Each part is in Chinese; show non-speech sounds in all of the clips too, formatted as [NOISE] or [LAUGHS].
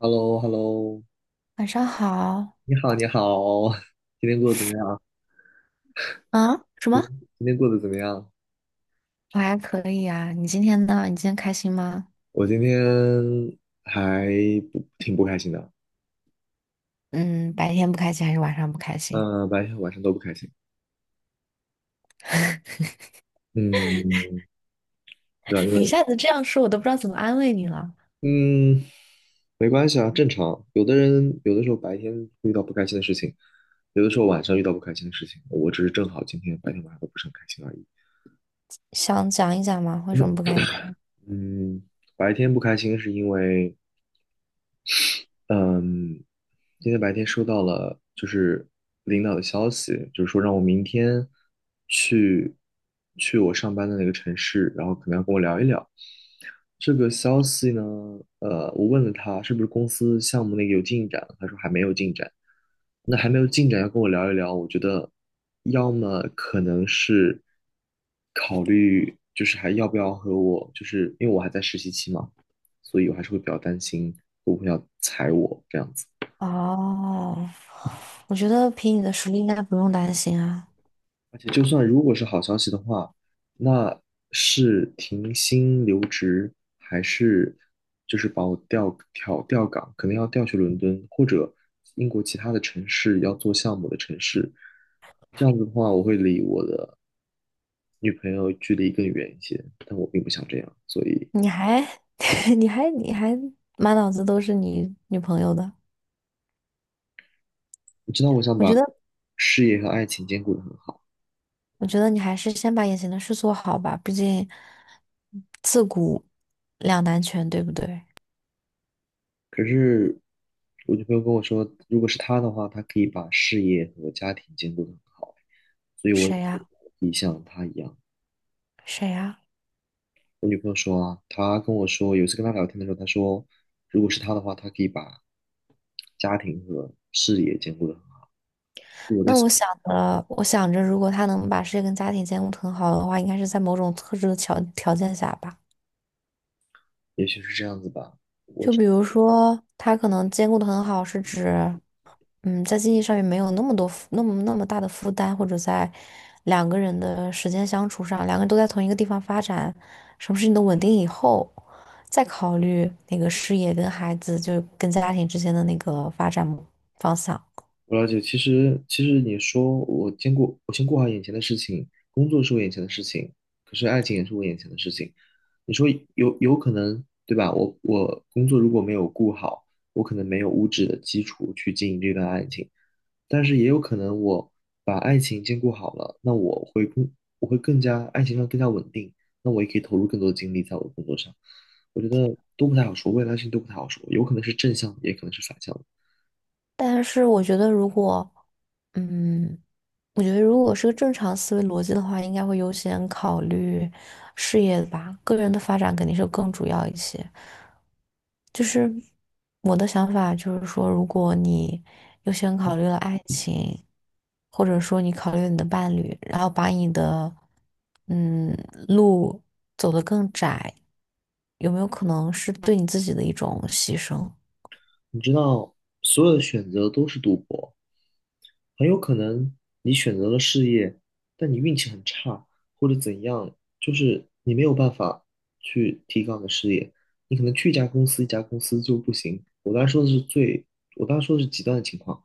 h e l l o h e l l o 晚上好你好，你好。[LAUGHS] 今天过得怎么样？啊？什今么？今天过得怎么样？我还可以啊。你今天呢？你今天开心吗？我今天还不挺不开心的。嗯，白天不开心还是晚上不开心？嗯、白天和晚上都不开心。嗯，对啊，因 [LAUGHS] 你一为下子这样说，我都不知道怎么安慰你了。嗯，没关系啊，正常。有的人有的时候白天遇到不开心的事情，有的时候晚上遇到不开心的事情。我只是正好今天白天晚上都不是很开心而已。想讲一讲吗？为什么不开心？嗯，白天不开心是因为嗯，今天白天收到了就是领导的消息，就是说让我明天去我上班的那个城市，然后可能要跟我聊一聊。这个消息呢，我问了他是不是公司项目那个有进展，他说还没有进展。那还没有进展，要跟我聊一聊，我觉得要么可能是。就是还要不要和我，就是因为我还在实习期嘛，所以我还是会比较担心会不会要裁我这样子。哦，我觉得凭你的实力应该不用担心啊。而且就算如果是好消息的话，那是停薪留职，还是就是把我调岗，可能要调去伦敦或者英国其他的城市要做项目的城市。这样子的话，我会离我的女朋友距离更远一些，但我并不想这样，所以你还，[LAUGHS] 你还满脑子都是你女朋友的。我知道我想我把觉得，事业和爱情兼顾的很好，我觉得你还是先把眼前的事做好吧。毕竟，自古两难全，对不对？可是我女朋友跟我说，如果是她的话，她可以把事业和家庭兼顾的很好，所以我也谁可呀？以像她一样。谁呀？我女朋友说啊，她跟我说，有一次跟她聊天的时候，她说，如果是她的话，她可以把家庭和事业兼顾的很好，那我想着，如果他能把事业跟家庭兼顾得很好的话，应该是在某种特殊的条件下吧。也许是这样子吧。我。就比如说，他可能兼顾的很好，是指，在经济上面没有那么大的负担，或者在两个人的时间相处上，两个人都在同一个地方发展，什么事情都稳定以后，再考虑那个事业跟孩子，就跟家庭之间的那个发展方向。我了解，其实你说我兼顾，我先过好眼前的事情，工作是我眼前的事情，可是爱情也是我眼前的事情。你说有可能，对吧？我工作如果没有顾好，我可能没有物质的基础去经营这段爱情，但是也有可能我把爱情兼顾好了，那我会更加爱情上更加稳定，那我也可以投入更多的精力在我的工作上。我觉得都不太好说，未来的事情都不太好说，有可能是正向，也可能是反向的。但是我觉得，嗯。如果是个正常思维逻辑的话，应该会优先考虑事业吧，个人的发展肯定是更主要一些。就是我的想法就是说，如果你优先考虑了爱情，或者说你考虑了你的伴侣，然后把你的嗯路走得更窄，有没有可能是对你自己的一种牺牲？你知道，所有的选择都是赌博，很有可能你选择了事业，但你运气很差，或者怎样，就是你没有办法去提高你的事业，你可能去一家公司，一家公司就不行。我刚才说的是最，我刚才说的是极端的情况，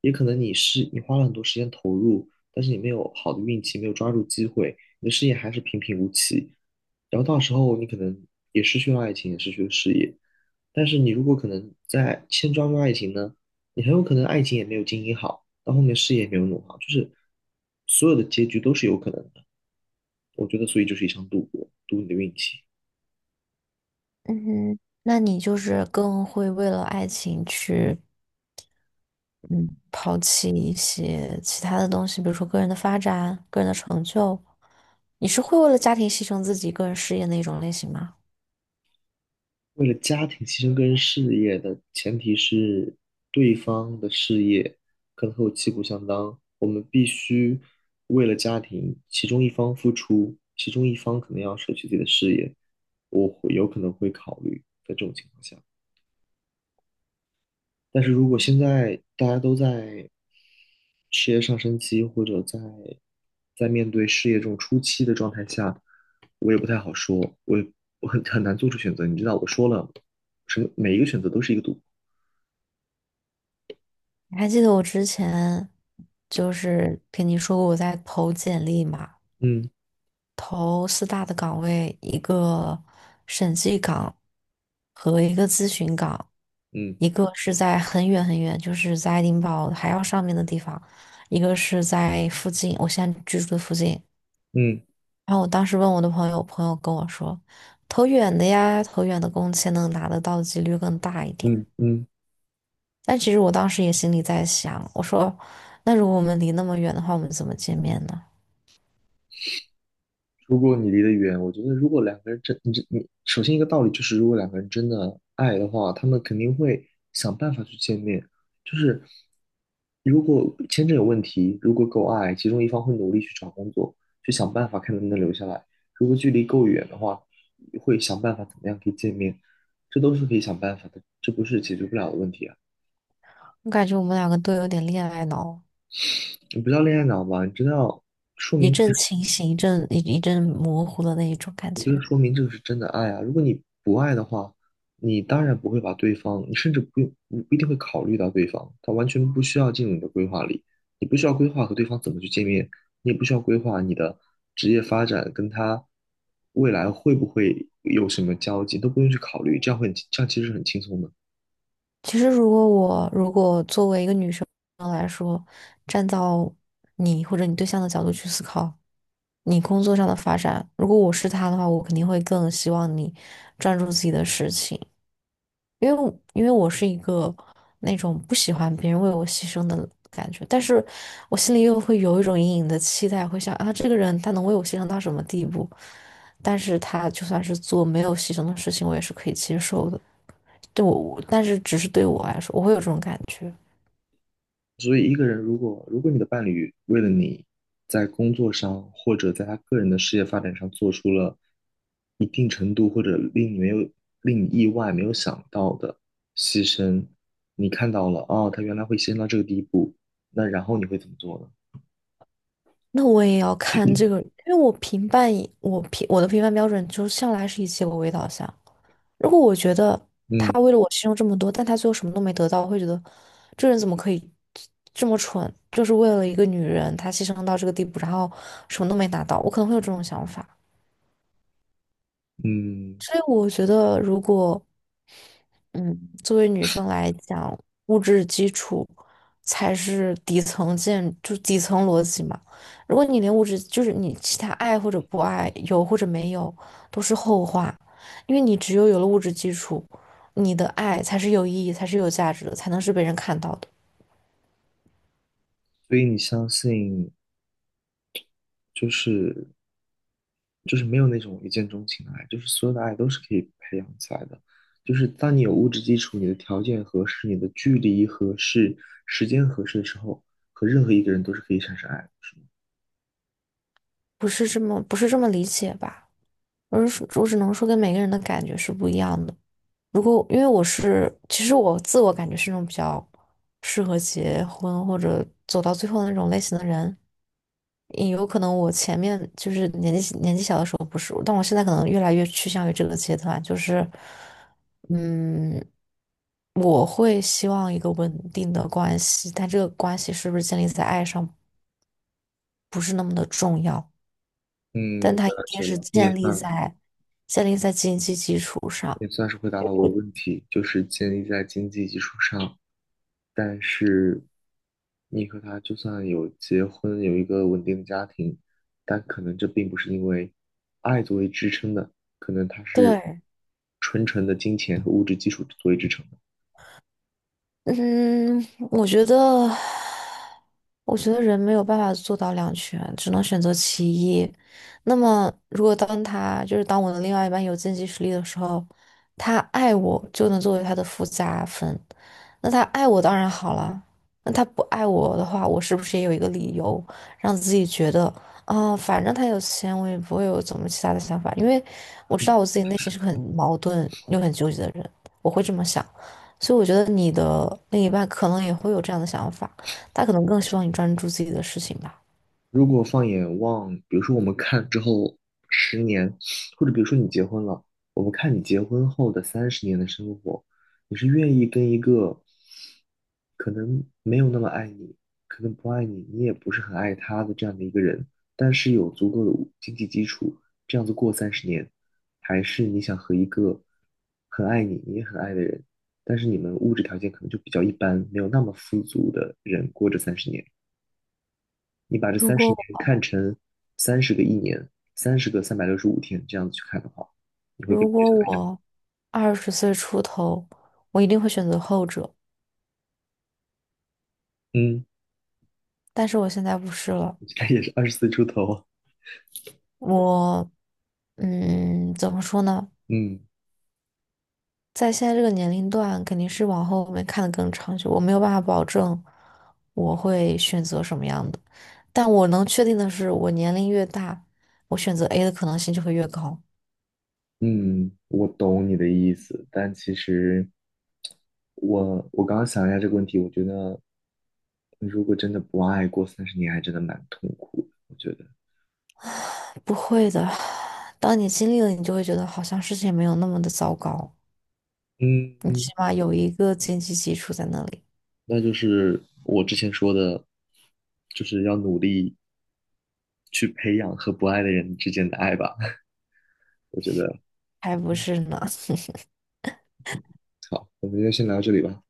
也可能你是你花了很多时间投入，但是你没有好的运气，没有抓住机会，你的事业还是平平无奇。然后到时候你可能也失去了爱情，也失去了事业。但是你如果可能在先抓住爱情呢，你很有可能爱情也没有经营好，到后面事业也没有弄好，就是所有的结局都是有可能的。我觉得，所以就是一场赌博，赌你的运气。嗯哼，那你就是更会为了爱情去。嗯，抛弃一些其他的东西，比如说个人的发展、个人的成就。你是会为了家庭牺牲自己个人事业那种类型吗？为了家庭牺牲个人事业的前提是对方的事业可能和我旗鼓相当，我们必须为了家庭，其中一方付出，其中一方可能要舍弃自己的事业，我会有可能会考虑在这种情况下。但是如果现在大家都在事业上升期，或者在面对事业这种初期的状态下，我也不太好说，我也很难做出选择。你知道，我说了，什么每一个选择都是一个赌博。你还记得我之前就是跟你说过我在投简历嘛，嗯，投四大的岗位，一个审计岗和一个咨询岗，嗯，一个是在很远很远，就是在爱丁堡还要上面的地方，一个是在附近，我现在居住的附近。嗯，然后我当时问我的朋友，我朋友跟我说，投远的呀，投远的工签能拿得到的几率更大一点。嗯，嗯。但其实我当时也心里在想，我说，那如果我们离那么远的话，我们怎么见面呢？如果你离得远，我觉得如果两个人真，你这你首先一个道理就是，如果两个人真的爱的话，他们肯定会想办法去见面。就是如果签证有问题，如果够爱，其中一方会努力去找工作，去想办法看能不能留下来。如果距离够远的话，会想办法怎么样可以见面，这都是可以想办法的，这不是解决不了的问题啊。我感觉我们两个都有点恋爱脑，你不叫恋爱脑吧？你真的要说一明阵清醒，一阵模糊的那一种感我觉得觉。说明这个是真的爱啊。如果你不爱的话，你当然不会把对方，你甚至不用不一定会考虑到对方，他完全不需要进入你的规划里，你不需要规划和对方怎么去见面，你也不需要规划你的职业发展跟他未来会不会有什么交集，都不用去考虑，这样会很这样其实是很轻松的。其实如果作为一个女生来说，站到你或者你对象的角度去思考，你工作上的发展，如果我是他的话，我肯定会更希望你专注自己的事情，因为我是一个那种不喜欢别人为我牺牲的感觉，但是我心里又会有一种隐隐的期待，会想啊，这个人他能为我牺牲到什么地步？但是他就算是做没有牺牲的事情，我也是可以接受的。但是只是对我来说，我会有这种感觉。所以，一个人如果如果你的伴侣为了你在工作上或者在他个人的事业发展上做出了一定程度或者令你没有令你意外没有想到的牺牲，你看到了哦，他原来会牺牲到这个地步，那然后你会怎么做呢？那我也要看这个，因为我的评判标准就向来是以结果为导向。如果我觉得嗯。他为了我牺牲这么多，但他最后什么都没得到，我会觉得这人怎么可以这么蠢？就是为了一个女人，他牺牲到这个地步，然后什么都没拿到，我可能会有这种想法。嗯，所以我觉得，如果嗯，作为女生来讲，物质基础才是底层建，就底层逻辑嘛。如果你连物质，就是你其他爱或者不爱，有或者没有，都是后话，因为你只有有了物质基础，你的爱才是有意义，才是有价值的，才能是被人看到的。所以你相信就是就是没有那种一见钟情的爱，就是所有的爱都是可以培养起来的。就是当你有物质基础，你的条件合适，你的距离合适，时间合适的时候，和任何一个人都是可以产生爱的，是吗？不是这么理解吧？我是我只能说跟每个人的感觉是不一样的。如果因为我是，其实我自我感觉是那种比较适合结婚或者走到最后的那种类型的人，也有可能我前面就是年纪小的时候不是，但我现在可能越来越趋向于这个阶段，就是，嗯，我会希望一个稳定的关系，但这个关系是不是建立在爱上不是那么的重要，嗯，但它我一了定解是了，你也建立算在建立在经济基础上。是回答了我的我问题，就是建立在经济基础上。但是你和他就算有结婚，有一个稳定的家庭，但可能这并不是因为爱作为支撑的，可能它是对，纯纯的金钱和物质基础作为支撑的。嗯，我觉得，我觉得人没有办法做到两全，只能选择其一。那么，如果当他就是当我的另外一半有经济实力的时候，他爱我就能作为他的附加分。那他爱我当然好了，那他不爱我的话，我是不是也有一个理由让自己觉得啊，反正他有钱，我也不会有怎么其他的想法，因为我知嗯道我自己内心是个很矛盾又很纠结的人，我会这么想。所以我觉得你的另一半可能也会有这样的想法，他可能更希望你专注自己的事情吧。如果放眼望，比如说我们看之后十年，或者比如说你结婚了，我们看你结婚后的三十年的生活，你是愿意跟一个可能没有那么爱你，可能不爱你，你也不是很爱他的这样的一个人，但是有足够的经济基础，这样子过三十年，还是你想和一个很爱你，你也很爱的人，但是你们物质条件可能就比较一般，没有那么富足的人过这三十年，你把这如三十年果看成30个1年，30个365天这样子去看的话，你会更如偏果向爱他。我20岁出头，我一定会选择后者，嗯。但是我现在不是 [LAUGHS] 了。你现在也是20岁出头啊，我怎么说呢？嗯。在现在这个年龄段，肯定是往后面看的更长久。我没有办法保证我会选择什么样的，但我能确定的是，我年龄越大，我选择 A 的可能性就会越高。嗯，我懂你的意思，但其实我刚刚想一下这个问题，我觉得如果真的不爱过三十年，还真的蛮痛苦的。我觉得，不会的，当你经历了，你就会觉得好像事情没有那么的糟糕，你嗯，起码有一个经济基础在那里，那就是我之前说的，就是要努力去培养和不爱的人之间的爱吧。[LAUGHS] 我觉得还不是呢？好，我们就先聊到这里吧，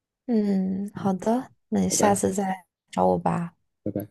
[LAUGHS] 嗯，好的，那你拜下拜，次再找我吧。拜拜。